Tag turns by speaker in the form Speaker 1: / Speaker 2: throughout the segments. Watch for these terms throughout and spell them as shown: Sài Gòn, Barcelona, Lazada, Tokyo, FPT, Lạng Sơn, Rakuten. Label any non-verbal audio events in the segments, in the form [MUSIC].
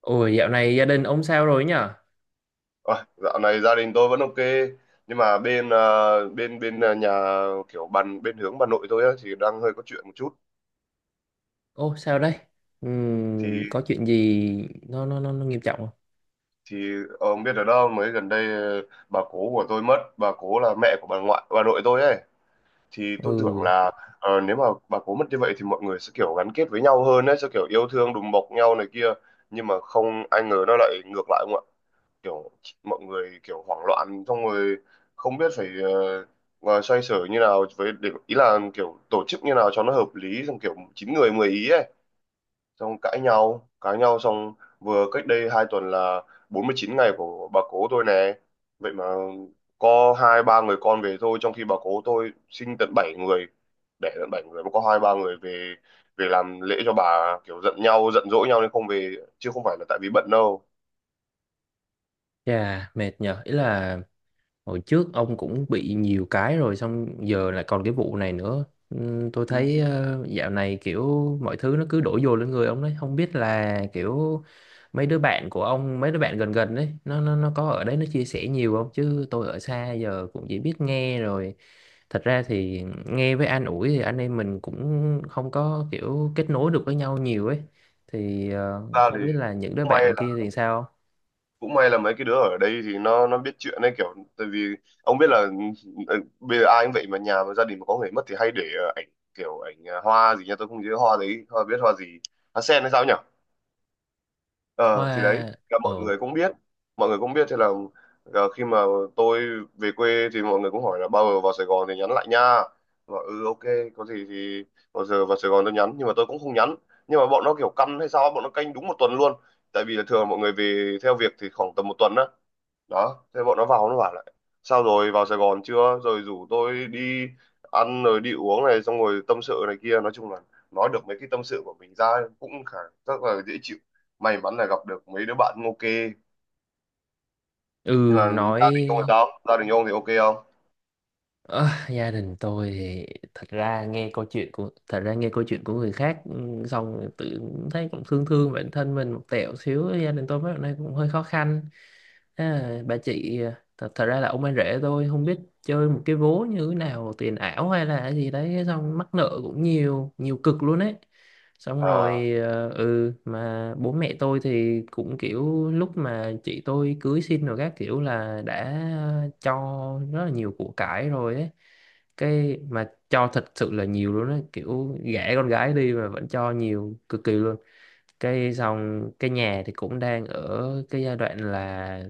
Speaker 1: Ôi dạo này gia đình ông sao rồi nhở?
Speaker 2: Ôi, dạo này gia đình tôi vẫn ok nhưng mà bên nhà kiểu bàn bên hướng bà nội tôi á, thì đang hơi có chuyện một chút.
Speaker 1: Ô sao đây?
Speaker 2: thì
Speaker 1: Có chuyện gì nó nghiêm trọng không?
Speaker 2: thì ông biết ở đâu mới gần đây, bà cố của tôi mất, bà cố là mẹ của bà ngoại bà nội tôi ấy. Thì tôi tưởng
Speaker 1: Ừ,
Speaker 2: là nếu mà bà cố mất như vậy thì mọi người sẽ kiểu gắn kết với nhau hơn ấy, sẽ kiểu yêu thương đùm bọc nhau này kia, nhưng mà không ai ngờ nó lại ngược lại, kiểu mọi người kiểu hoảng loạn xong rồi không biết phải mà xoay sở như nào, với để ý là kiểu tổ chức như nào cho nó hợp lý, xong kiểu chín người 10 ý ấy, xong cãi nhau xong. Vừa cách đây 2 tuần là 49 ngày của bà cố tôi nè, vậy mà có hai ba người con về thôi, trong khi bà cố tôi sinh tận bảy người, đẻ tận bảy người mà có hai ba người về, về làm lễ cho bà, kiểu giận nhau giận dỗi nhau nên không về, chứ không phải là tại vì bận đâu.
Speaker 1: chà mệt nhở. Ý là hồi trước ông cũng bị nhiều cái rồi xong giờ lại còn cái vụ này nữa. Tôi
Speaker 2: Ừ.
Speaker 1: thấy dạo này kiểu mọi thứ nó cứ đổ dồn lên người ông đấy, không biết là kiểu mấy đứa bạn của ông, mấy đứa bạn gần gần đấy, nó có ở đấy nó chia sẻ nhiều không chứ tôi ở xa giờ cũng chỉ biết nghe rồi thật ra thì nghe với an ủi thì anh em mình cũng không có kiểu kết nối được với nhau nhiều ấy thì
Speaker 2: Thực ra thì
Speaker 1: không biết là những đứa
Speaker 2: may
Speaker 1: bạn kia thì sao.
Speaker 2: cũng may là mấy cái đứa ở đây thì nó biết chuyện đấy, kiểu tại vì ông biết là, ừ, bây giờ ai cũng vậy, mà nhà mà gia đình mà có người mất thì hay để ảnh, kiểu ảnh hoa gì nha, tôi không nhớ hoa đấy hoa, biết hoa gì, hoa sen hay sao nhỉ. Ờ thì đấy
Speaker 1: Hoa.
Speaker 2: là
Speaker 1: Ờ.
Speaker 2: mọi người cũng biết, mọi người cũng biết. Thế là khi mà tôi về quê thì mọi người cũng hỏi là bao giờ vào Sài Gòn thì nhắn lại nha, và ừ ok, có gì thì bao giờ vào Sài Gòn tôi nhắn, nhưng mà tôi cũng không nhắn. Nhưng mà bọn nó kiểu căm hay sao, bọn nó canh đúng 1 tuần luôn, tại vì là thường mọi người về theo việc thì khoảng tầm 1 tuần á, đó thế bọn nó vào, nó bảo lại sao rồi, vào Sài Gòn chưa, rồi rủ tôi đi ăn rồi đi uống này, xong rồi tâm sự này kia, nói chung là nói được mấy cái tâm sự của mình ra cũng khá, rất là dễ chịu, may mắn là gặp được mấy đứa bạn cũng ok. Nhưng
Speaker 1: Ừ.
Speaker 2: mà gia đình ông thì
Speaker 1: Nói
Speaker 2: sao, gia đình ông thì ok không?
Speaker 1: ờ, gia đình tôi thì thật ra nghe câu chuyện của người khác ừ, xong rồi tự thấy cũng thương thương bản thân mình một tẹo xíu. Gia đình tôi mấy hôm nay cũng hơi khó khăn. À, bà chị, thật ra là ông anh rể tôi không biết chơi một cái vố như thế nào tiền ảo hay là gì đấy xong mắc nợ cũng nhiều nhiều cực luôn ấy. Xong
Speaker 2: À,
Speaker 1: rồi mà bố mẹ tôi thì cũng kiểu lúc mà chị tôi cưới xin rồi các kiểu là đã cho rất là nhiều của cải rồi ấy, cái mà cho thật sự là nhiều luôn á, kiểu gả con gái đi mà vẫn cho nhiều cực kỳ luôn. Cái xong cái nhà thì cũng đang ở cái giai đoạn là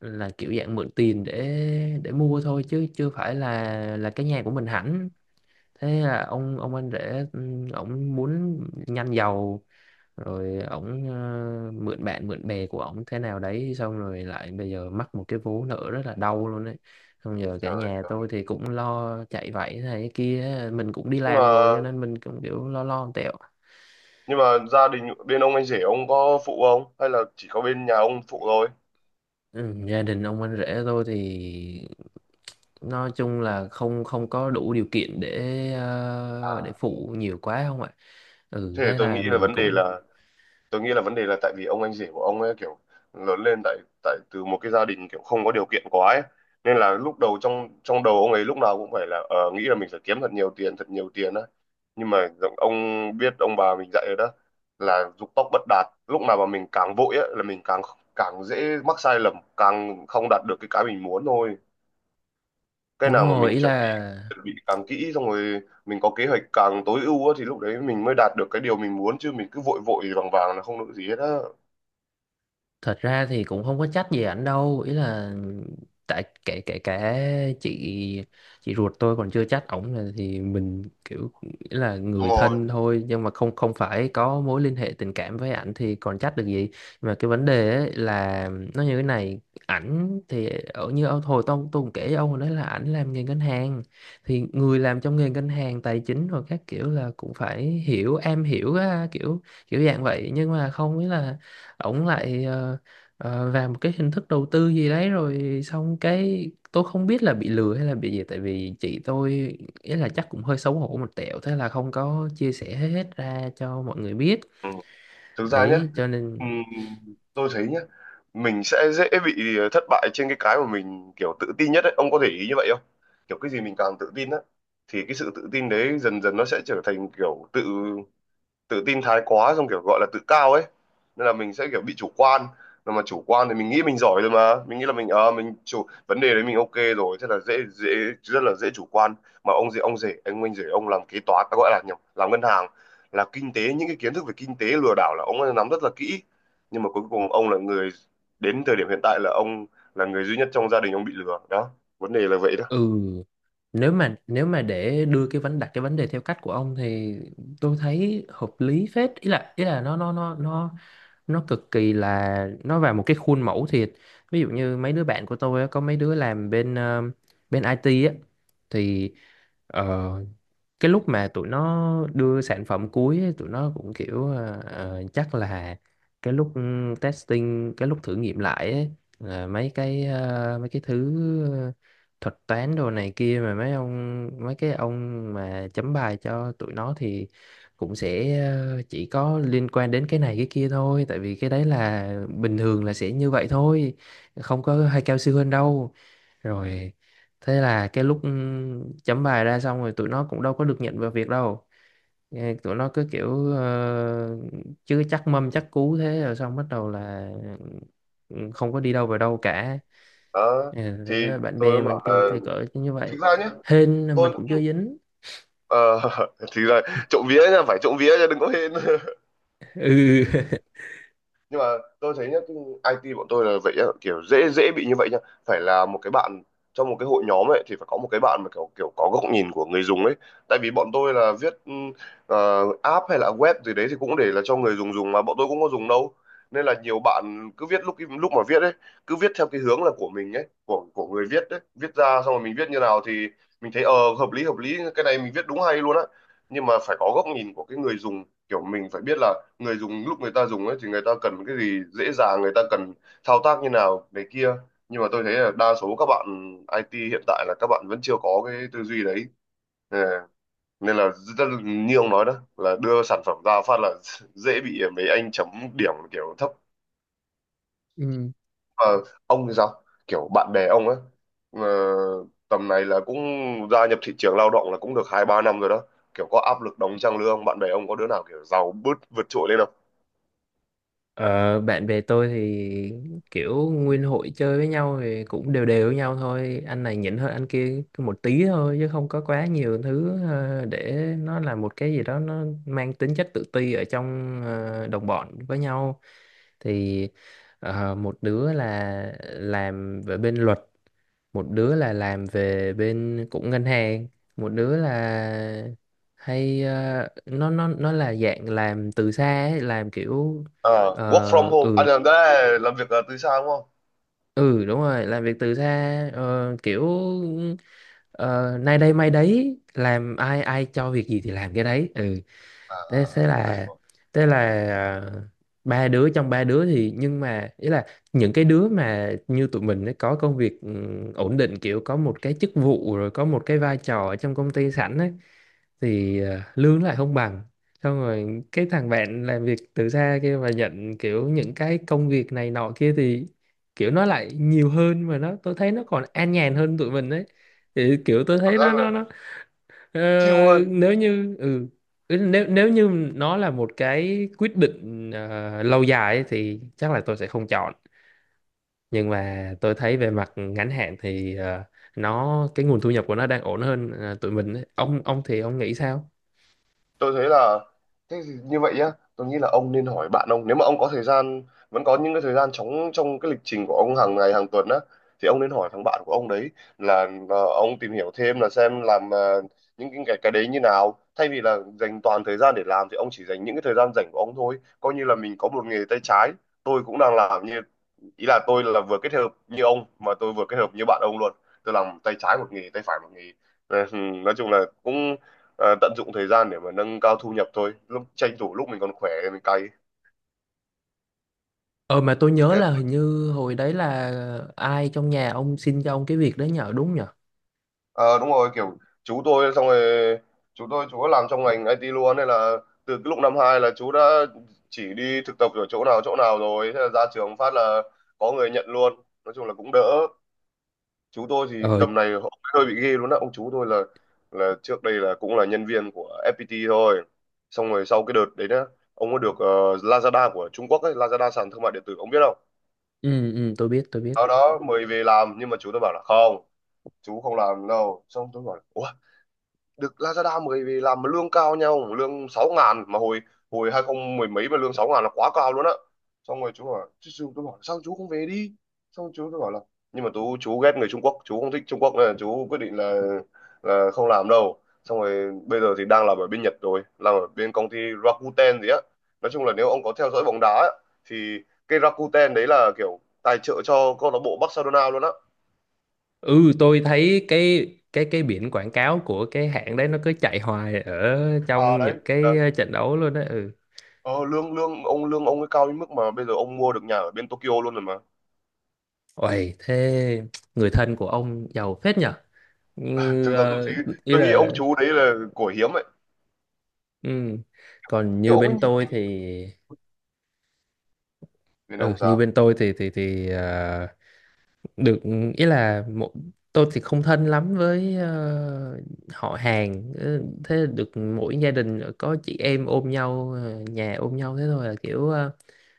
Speaker 1: kiểu dạng mượn tiền để mua thôi chứ chưa phải là cái nhà của mình hẳn. Thế là ông anh rể, ổng muốn nhanh giàu rồi ổng mượn bạn mượn bè của ổng thế nào đấy xong rồi lại bây giờ mắc một cái vố nợ rất là đau luôn đấy. Xong giờ cả
Speaker 2: trời
Speaker 1: nhà tôi
Speaker 2: ơi,
Speaker 1: thì cũng lo chạy vạy thế này thế kia, mình cũng đi
Speaker 2: nhưng mà
Speaker 1: làm rồi cho nên mình cũng kiểu lo lo tẹo.
Speaker 2: nhưng mà gia đình bên ông anh rể ông có phụ không, hay là chỉ có bên nhà ông phụ thôi?
Speaker 1: Ừ, gia đình ông anh rể tôi thì nói chung là không không có đủ điều kiện để để
Speaker 2: À,
Speaker 1: phụ nhiều quá không ạ. Ừ
Speaker 2: thế thì
Speaker 1: thế
Speaker 2: tôi nghĩ
Speaker 1: là
Speaker 2: là
Speaker 1: mình
Speaker 2: vấn đề
Speaker 1: cũng
Speaker 2: là, tôi nghĩ là vấn đề là tại vì ông anh rể của ông ấy kiểu lớn lên tại tại từ một cái gia đình kiểu không có điều kiện quá ấy, nên là lúc đầu trong trong đầu ông ấy lúc nào cũng phải là, nghĩ là mình phải kiếm thật nhiều tiền, thật nhiều tiền á. Nhưng mà ông biết ông bà mình dạy rồi đó, là dục tốc bất đạt, lúc nào mà mình càng vội á là mình càng càng dễ mắc sai lầm, càng không đạt được cái mình muốn thôi. Cái
Speaker 1: đúng
Speaker 2: nào mà
Speaker 1: rồi.
Speaker 2: mình
Speaker 1: Ý
Speaker 2: chuẩn bị
Speaker 1: là
Speaker 2: chuẩn bị càng kỹ, xong rồi mình có kế hoạch càng tối ưu á, thì lúc đấy mình mới đạt được cái điều mình muốn, chứ mình cứ vội vội vàng vàng là không được gì hết á.
Speaker 1: thật ra thì cũng không có trách gì ảnh đâu, ý là tại kể kể cả chị chị ruột tôi còn chưa chắc ổng là thì mình kiểu nghĩ là
Speaker 2: Đúng
Speaker 1: người
Speaker 2: rồi.
Speaker 1: thân thôi nhưng mà không không phải có mối liên hệ tình cảm với ảnh thì còn chắc được gì. Mà cái vấn đề ấy là nó như thế này: ảnh thì ở như ông hồi tôi cũng kể với ông hồi đấy là ảnh làm nghề ngân hàng thì người làm trong nghề ngân hàng tài chính rồi các kiểu là cũng phải hiểu am hiểu á, kiểu kiểu dạng vậy nhưng mà không biết là ổng lại và một cái hình thức đầu tư gì đấy rồi xong cái tôi không biết là bị lừa hay là bị gì tại vì chị tôi, ý là chắc cũng hơi xấu hổ một tẹo thế là không có chia sẻ hết ra cho mọi người biết,
Speaker 2: Ừ. Thực ra nhé,
Speaker 1: ấy cho nên
Speaker 2: tôi thấy nhé, mình sẽ dễ bị thất bại trên cái mà mình kiểu tự tin nhất ấy. Ông có để ý như vậy không? Kiểu cái gì mình càng tự tin á, thì cái sự tự tin đấy dần dần nó sẽ trở thành kiểu tự tự tin thái quá, xong kiểu gọi là tự cao ấy, nên là mình sẽ kiểu bị chủ quan. Mà chủ quan thì mình nghĩ mình giỏi rồi, mà mình nghĩ là mình chủ vấn đề đấy mình ok rồi, thế là dễ dễ rất là dễ chủ quan. Mà ông gì ông rể anh rể ông làm kế toán à, gọi là nhầm, làm ngân hàng, là kinh tế, những cái kiến thức về kinh tế lừa đảo là ông ấy nắm rất là kỹ, nhưng mà cuối cùng ông là người, đến thời điểm hiện tại là ông là người duy nhất trong gia đình ông bị lừa đó, vấn đề là vậy đó.
Speaker 1: ừ. Nếu mà nếu mà để đưa cái vấn đặt cái vấn đề theo cách của ông thì tôi thấy hợp lý phết, ý là nó nó cực kỳ là nó vào một cái khuôn mẫu thiệt. Ví dụ như mấy đứa bạn của tôi á, có mấy đứa làm bên bên IT á thì ờ, cái lúc mà tụi nó đưa sản phẩm cuối ấy, tụi nó cũng kiểu chắc là cái lúc ừ, testing, cái lúc thử nghiệm lại ấy, là mấy cái mấy cái thứ ờ, thuật toán đồ này kia mà mấy cái ông mà chấm bài cho tụi nó thì cũng sẽ chỉ có liên quan đến cái này cái kia thôi, tại vì cái đấy là bình thường là sẽ như vậy thôi, không có hay cao siêu hơn đâu. Rồi thế là cái lúc chấm bài ra xong rồi tụi nó cũng đâu có được nhận vào việc đâu. Nghe tụi nó cứ kiểu chứ chắc mâm chắc cú thế rồi xong bắt đầu là ừ, không có đi đâu vào đâu cả.
Speaker 2: Đó.
Speaker 1: Ừ,
Speaker 2: Thì
Speaker 1: đó, bạn
Speaker 2: tôi
Speaker 1: bè
Speaker 2: mới
Speaker 1: mình
Speaker 2: bảo
Speaker 1: cái,
Speaker 2: là
Speaker 1: cái cỡ như vậy
Speaker 2: thực ra nhé,
Speaker 1: hên là mình
Speaker 2: tôi
Speaker 1: cũng chưa dính.
Speaker 2: Ờ, [LAUGHS] thì là trộm vía nha, phải trộm vía nha, đừng có hên.
Speaker 1: [LAUGHS]
Speaker 2: Nhưng mà tôi thấy nhá, cái IT bọn tôi là vậy nhá, kiểu dễ dễ bị như vậy nhá. Phải là một cái bạn trong một cái hội nhóm ấy thì phải có một cái bạn mà kiểu kiểu có góc nhìn của người dùng ấy, tại vì bọn tôi là viết app hay là web gì đấy thì cũng để là cho người dùng dùng, mà bọn tôi cũng có dùng đâu. Nên là nhiều bạn cứ viết, lúc lúc mà viết ấy cứ viết theo cái hướng là của mình ấy, của người viết ấy, viết ra xong rồi mình viết như nào thì mình thấy hợp lý, hợp lý cái này mình viết đúng hay luôn á. Nhưng mà phải có góc nhìn của cái người dùng, kiểu mình phải biết là người dùng lúc người ta dùng ấy thì người ta cần cái gì dễ dàng, người ta cần thao tác như nào này kia. Nhưng mà tôi thấy là đa số các bạn IT hiện tại là các bạn vẫn chưa có cái tư duy đấy. Ờ, nên là rất như ông nói đó, là đưa sản phẩm ra phát là [LAUGHS] dễ bị mấy anh chấm điểm kiểu thấp.
Speaker 1: Ừ.
Speaker 2: Ờ, ông thì sao, kiểu bạn bè ông ấy ờ, tầm này là cũng gia nhập thị trường lao động là cũng được hai ba năm rồi đó, kiểu có áp lực đóng trang lương, bạn bè ông có đứa nào kiểu giàu bứt vượt trội lên?
Speaker 1: Ờ, bạn bè tôi thì kiểu nguyên hội chơi với nhau thì cũng đều đều với nhau thôi, anh này nhỉnh hơn anh kia một tí thôi chứ không có quá nhiều thứ để nó là một cái gì đó nó mang tính chất tự ti ở trong đồng bọn với nhau. Thì ờ, một đứa là làm về bên luật, một đứa là làm về bên cũng ngân hàng, một đứa là hay nó là dạng làm từ xa ấy, làm kiểu
Speaker 2: Ờ, work from
Speaker 1: ờ,
Speaker 2: home
Speaker 1: ừ.
Speaker 2: anh làm đó, là làm việc từ xa đúng không?
Speaker 1: Ừ đúng rồi, làm việc từ xa, kiểu ờ, nay đây mai đấy, làm ai ai cho việc gì thì làm cái đấy ừ.
Speaker 2: À, à,
Speaker 1: Thế
Speaker 2: à, tôi hiểu.
Speaker 1: thế là ờ, ba đứa thì nhưng mà ý là những cái đứa mà như tụi mình ấy, có công việc ừ, ổn định kiểu có một cái chức vụ rồi có một cái vai trò ở trong công ty sẵn ấy thì lương lại không bằng. Xong rồi cái thằng bạn làm việc từ xa kia và nhận kiểu những cái công việc này nọ kia thì kiểu nó lại nhiều hơn mà nó, tôi thấy nó còn an nhàn hơn tụi mình đấy. Thì kiểu tôi
Speaker 2: Cảm
Speaker 1: thấy
Speaker 2: giác là
Speaker 1: ờ,
Speaker 2: chill hơn.
Speaker 1: nếu như ừ, ý là nếu nếu như nó là một cái quyết định lâu dài ấy, thì chắc là tôi sẽ không chọn, nhưng mà tôi thấy về mặt ngắn hạn thì nó cái nguồn thu nhập của nó đang ổn hơn tụi mình ấy. Ông thì ông nghĩ sao?
Speaker 2: Tôi thấy là, thế thì như vậy nhá, tôi nghĩ là ông nên hỏi bạn ông, nếu mà ông có thời gian, vẫn có những cái thời gian trống trong cái lịch trình của ông hàng ngày hàng tuần á, thì ông nên hỏi thằng bạn của ông đấy, là ông tìm hiểu thêm, là xem làm những cái đấy như nào, thay vì là dành toàn thời gian để làm thì ông chỉ dành những cái thời gian rảnh của ông thôi, coi như là mình có một nghề tay trái. Tôi cũng đang làm như, ý là tôi là vừa kết hợp như ông mà tôi vừa kết hợp như bạn ông luôn, tôi làm tay trái một nghề, tay phải một nghề. Ờ, [LAUGHS] nói chung là cũng tận dụng thời gian để mà nâng cao thu nhập thôi, lúc tranh thủ lúc mình còn khỏe thì mình cày.
Speaker 1: Ờ mà tôi nhớ
Speaker 2: Thế-
Speaker 1: là hình như hồi đấy là ai trong nhà ông xin cho ông cái việc đấy nhờ, đúng nhờ?
Speaker 2: Ờ đúng rồi, kiểu chú tôi xong rồi chú đã làm trong ngành IT luôn, nên là từ cái lúc năm hai là chú đã chỉ đi thực tập ở chỗ nào rồi, thế là ra trường phát là có người nhận luôn, nói chung là cũng đỡ. Chú tôi thì
Speaker 1: Ờ.
Speaker 2: tầm này họ hơi bị ghê luôn á, ông chú tôi là trước đây là cũng là nhân viên của FPT thôi, xong rồi sau cái đợt đấy nhá ông có được Lazada của Trung Quốc ấy, Lazada sàn thương mại điện tử ông biết không?
Speaker 1: Ừ ừ tôi biết tôi biết.
Speaker 2: Sau đó mới về làm, nhưng mà chú tôi bảo là không, chú không làm đâu. Xong tôi bảo là "Ủa, được Lazada mới vì làm mà lương cao nha ông, lương 6.000 mà hồi hồi 2000 mười mấy mà lương 6.000 là quá cao luôn á." Xong rồi chú tôi bảo sao chú không về đi, xong chú tôi bảo là, nhưng mà chú ghét người Trung Quốc, chú không thích Trung Quốc nên là chú quyết định là không làm đâu. Xong rồi bây giờ thì đang làm ở bên Nhật rồi, làm ở bên công ty Rakuten gì á. Nói chung là nếu ông có theo dõi bóng đá á, thì cái Rakuten đấy là kiểu tài trợ cho câu lạc bộ Barcelona luôn á.
Speaker 1: Ừ tôi thấy cái biển quảng cáo của cái hãng đấy nó cứ chạy hoài ở
Speaker 2: À
Speaker 1: trong
Speaker 2: đấy.
Speaker 1: những cái trận đấu luôn đấy ừ.
Speaker 2: Ờ, lương lương ông, lương ông ấy cao đến mức mà bây giờ ông mua được nhà ở bên Tokyo luôn rồi mà.
Speaker 1: Ôi thế, người thân của ông giàu phết nhở,
Speaker 2: [LAUGHS]
Speaker 1: như
Speaker 2: Thực ra tôi
Speaker 1: ờ,
Speaker 2: thấy,
Speaker 1: ý
Speaker 2: tôi nghĩ ông
Speaker 1: là
Speaker 2: chú đấy là của hiếm ấy,
Speaker 1: ừ. Còn
Speaker 2: kiểu
Speaker 1: như
Speaker 2: ông ấy
Speaker 1: bên
Speaker 2: nhiệt
Speaker 1: tôi
Speaker 2: tình.
Speaker 1: thì
Speaker 2: Bên ông
Speaker 1: ừ, như
Speaker 2: sao?
Speaker 1: bên tôi thì thì ờ, được, ý là một, tôi thì không thân lắm với họ hàng. Ừ, thế được mỗi gia đình có chị em ôm nhau, nhà ôm nhau thế thôi, là kiểu ờ,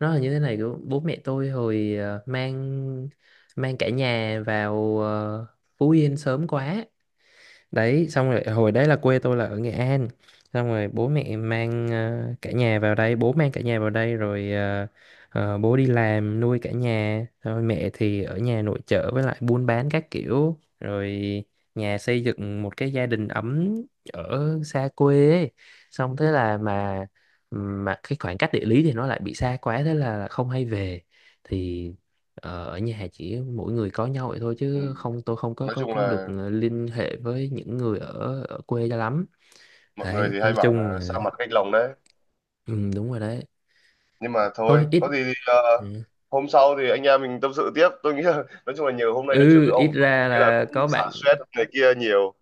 Speaker 1: nó là như thế này, kiểu bố mẹ tôi hồi ờ, mang mang cả nhà vào Phú Yên sớm quá đấy. Xong rồi hồi đấy là quê tôi là ở Nghệ An, xong rồi bố mẹ mang cả nhà vào đây, rồi bố đi làm nuôi cả nhà rồi mẹ thì ở nhà nội trợ với lại buôn bán các kiểu rồi nhà xây dựng một cái gia đình ấm ở xa quê ấy. Xong thế là mà cái khoảng cách địa lý thì nó lại bị xa quá thế là không hay về. Thì ờ, ở nhà chỉ mỗi người có nhau vậy thôi
Speaker 2: Ừ.
Speaker 1: chứ không tôi không
Speaker 2: Nói chung
Speaker 1: có được
Speaker 2: là
Speaker 1: liên hệ với những người ở ở quê cho lắm.
Speaker 2: mọi người
Speaker 1: Đấy
Speaker 2: thì hay
Speaker 1: nói
Speaker 2: bảo
Speaker 1: chung
Speaker 2: là xa
Speaker 1: là
Speaker 2: mặt cách lòng đấy.
Speaker 1: ừ, đúng rồi đấy.
Speaker 2: Nhưng mà thôi
Speaker 1: Thôi ít,
Speaker 2: có gì thì
Speaker 1: ừ,
Speaker 2: hôm sau thì anh em mình tâm sự tiếp, tôi nghĩ là [LAUGHS] nói chung là nhiều, hôm nay nói chuyện
Speaker 1: ừ,
Speaker 2: với
Speaker 1: ít
Speaker 2: ông
Speaker 1: ra
Speaker 2: thế là
Speaker 1: là
Speaker 2: cũng
Speaker 1: có
Speaker 2: xả
Speaker 1: bạn,
Speaker 2: stress này kia nhiều.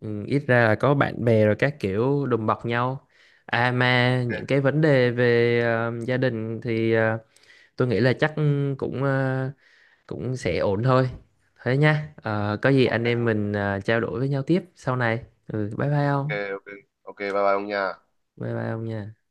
Speaker 1: ừ, ít ra là có bạn bè rồi các kiểu đùm bọc nhau. À mà
Speaker 2: Ok,
Speaker 1: những cái vấn đề về gia đình thì tôi nghĩ là chắc cũng cũng sẽ ổn thôi. Thế nha. Ờ, có gì anh em
Speaker 2: ok,
Speaker 1: mình trao đổi với nhau tiếp sau này ừ, bye bye
Speaker 2: ok,
Speaker 1: ông.
Speaker 2: ok, ok bye bye ông nha.
Speaker 1: Bye bye ông nha.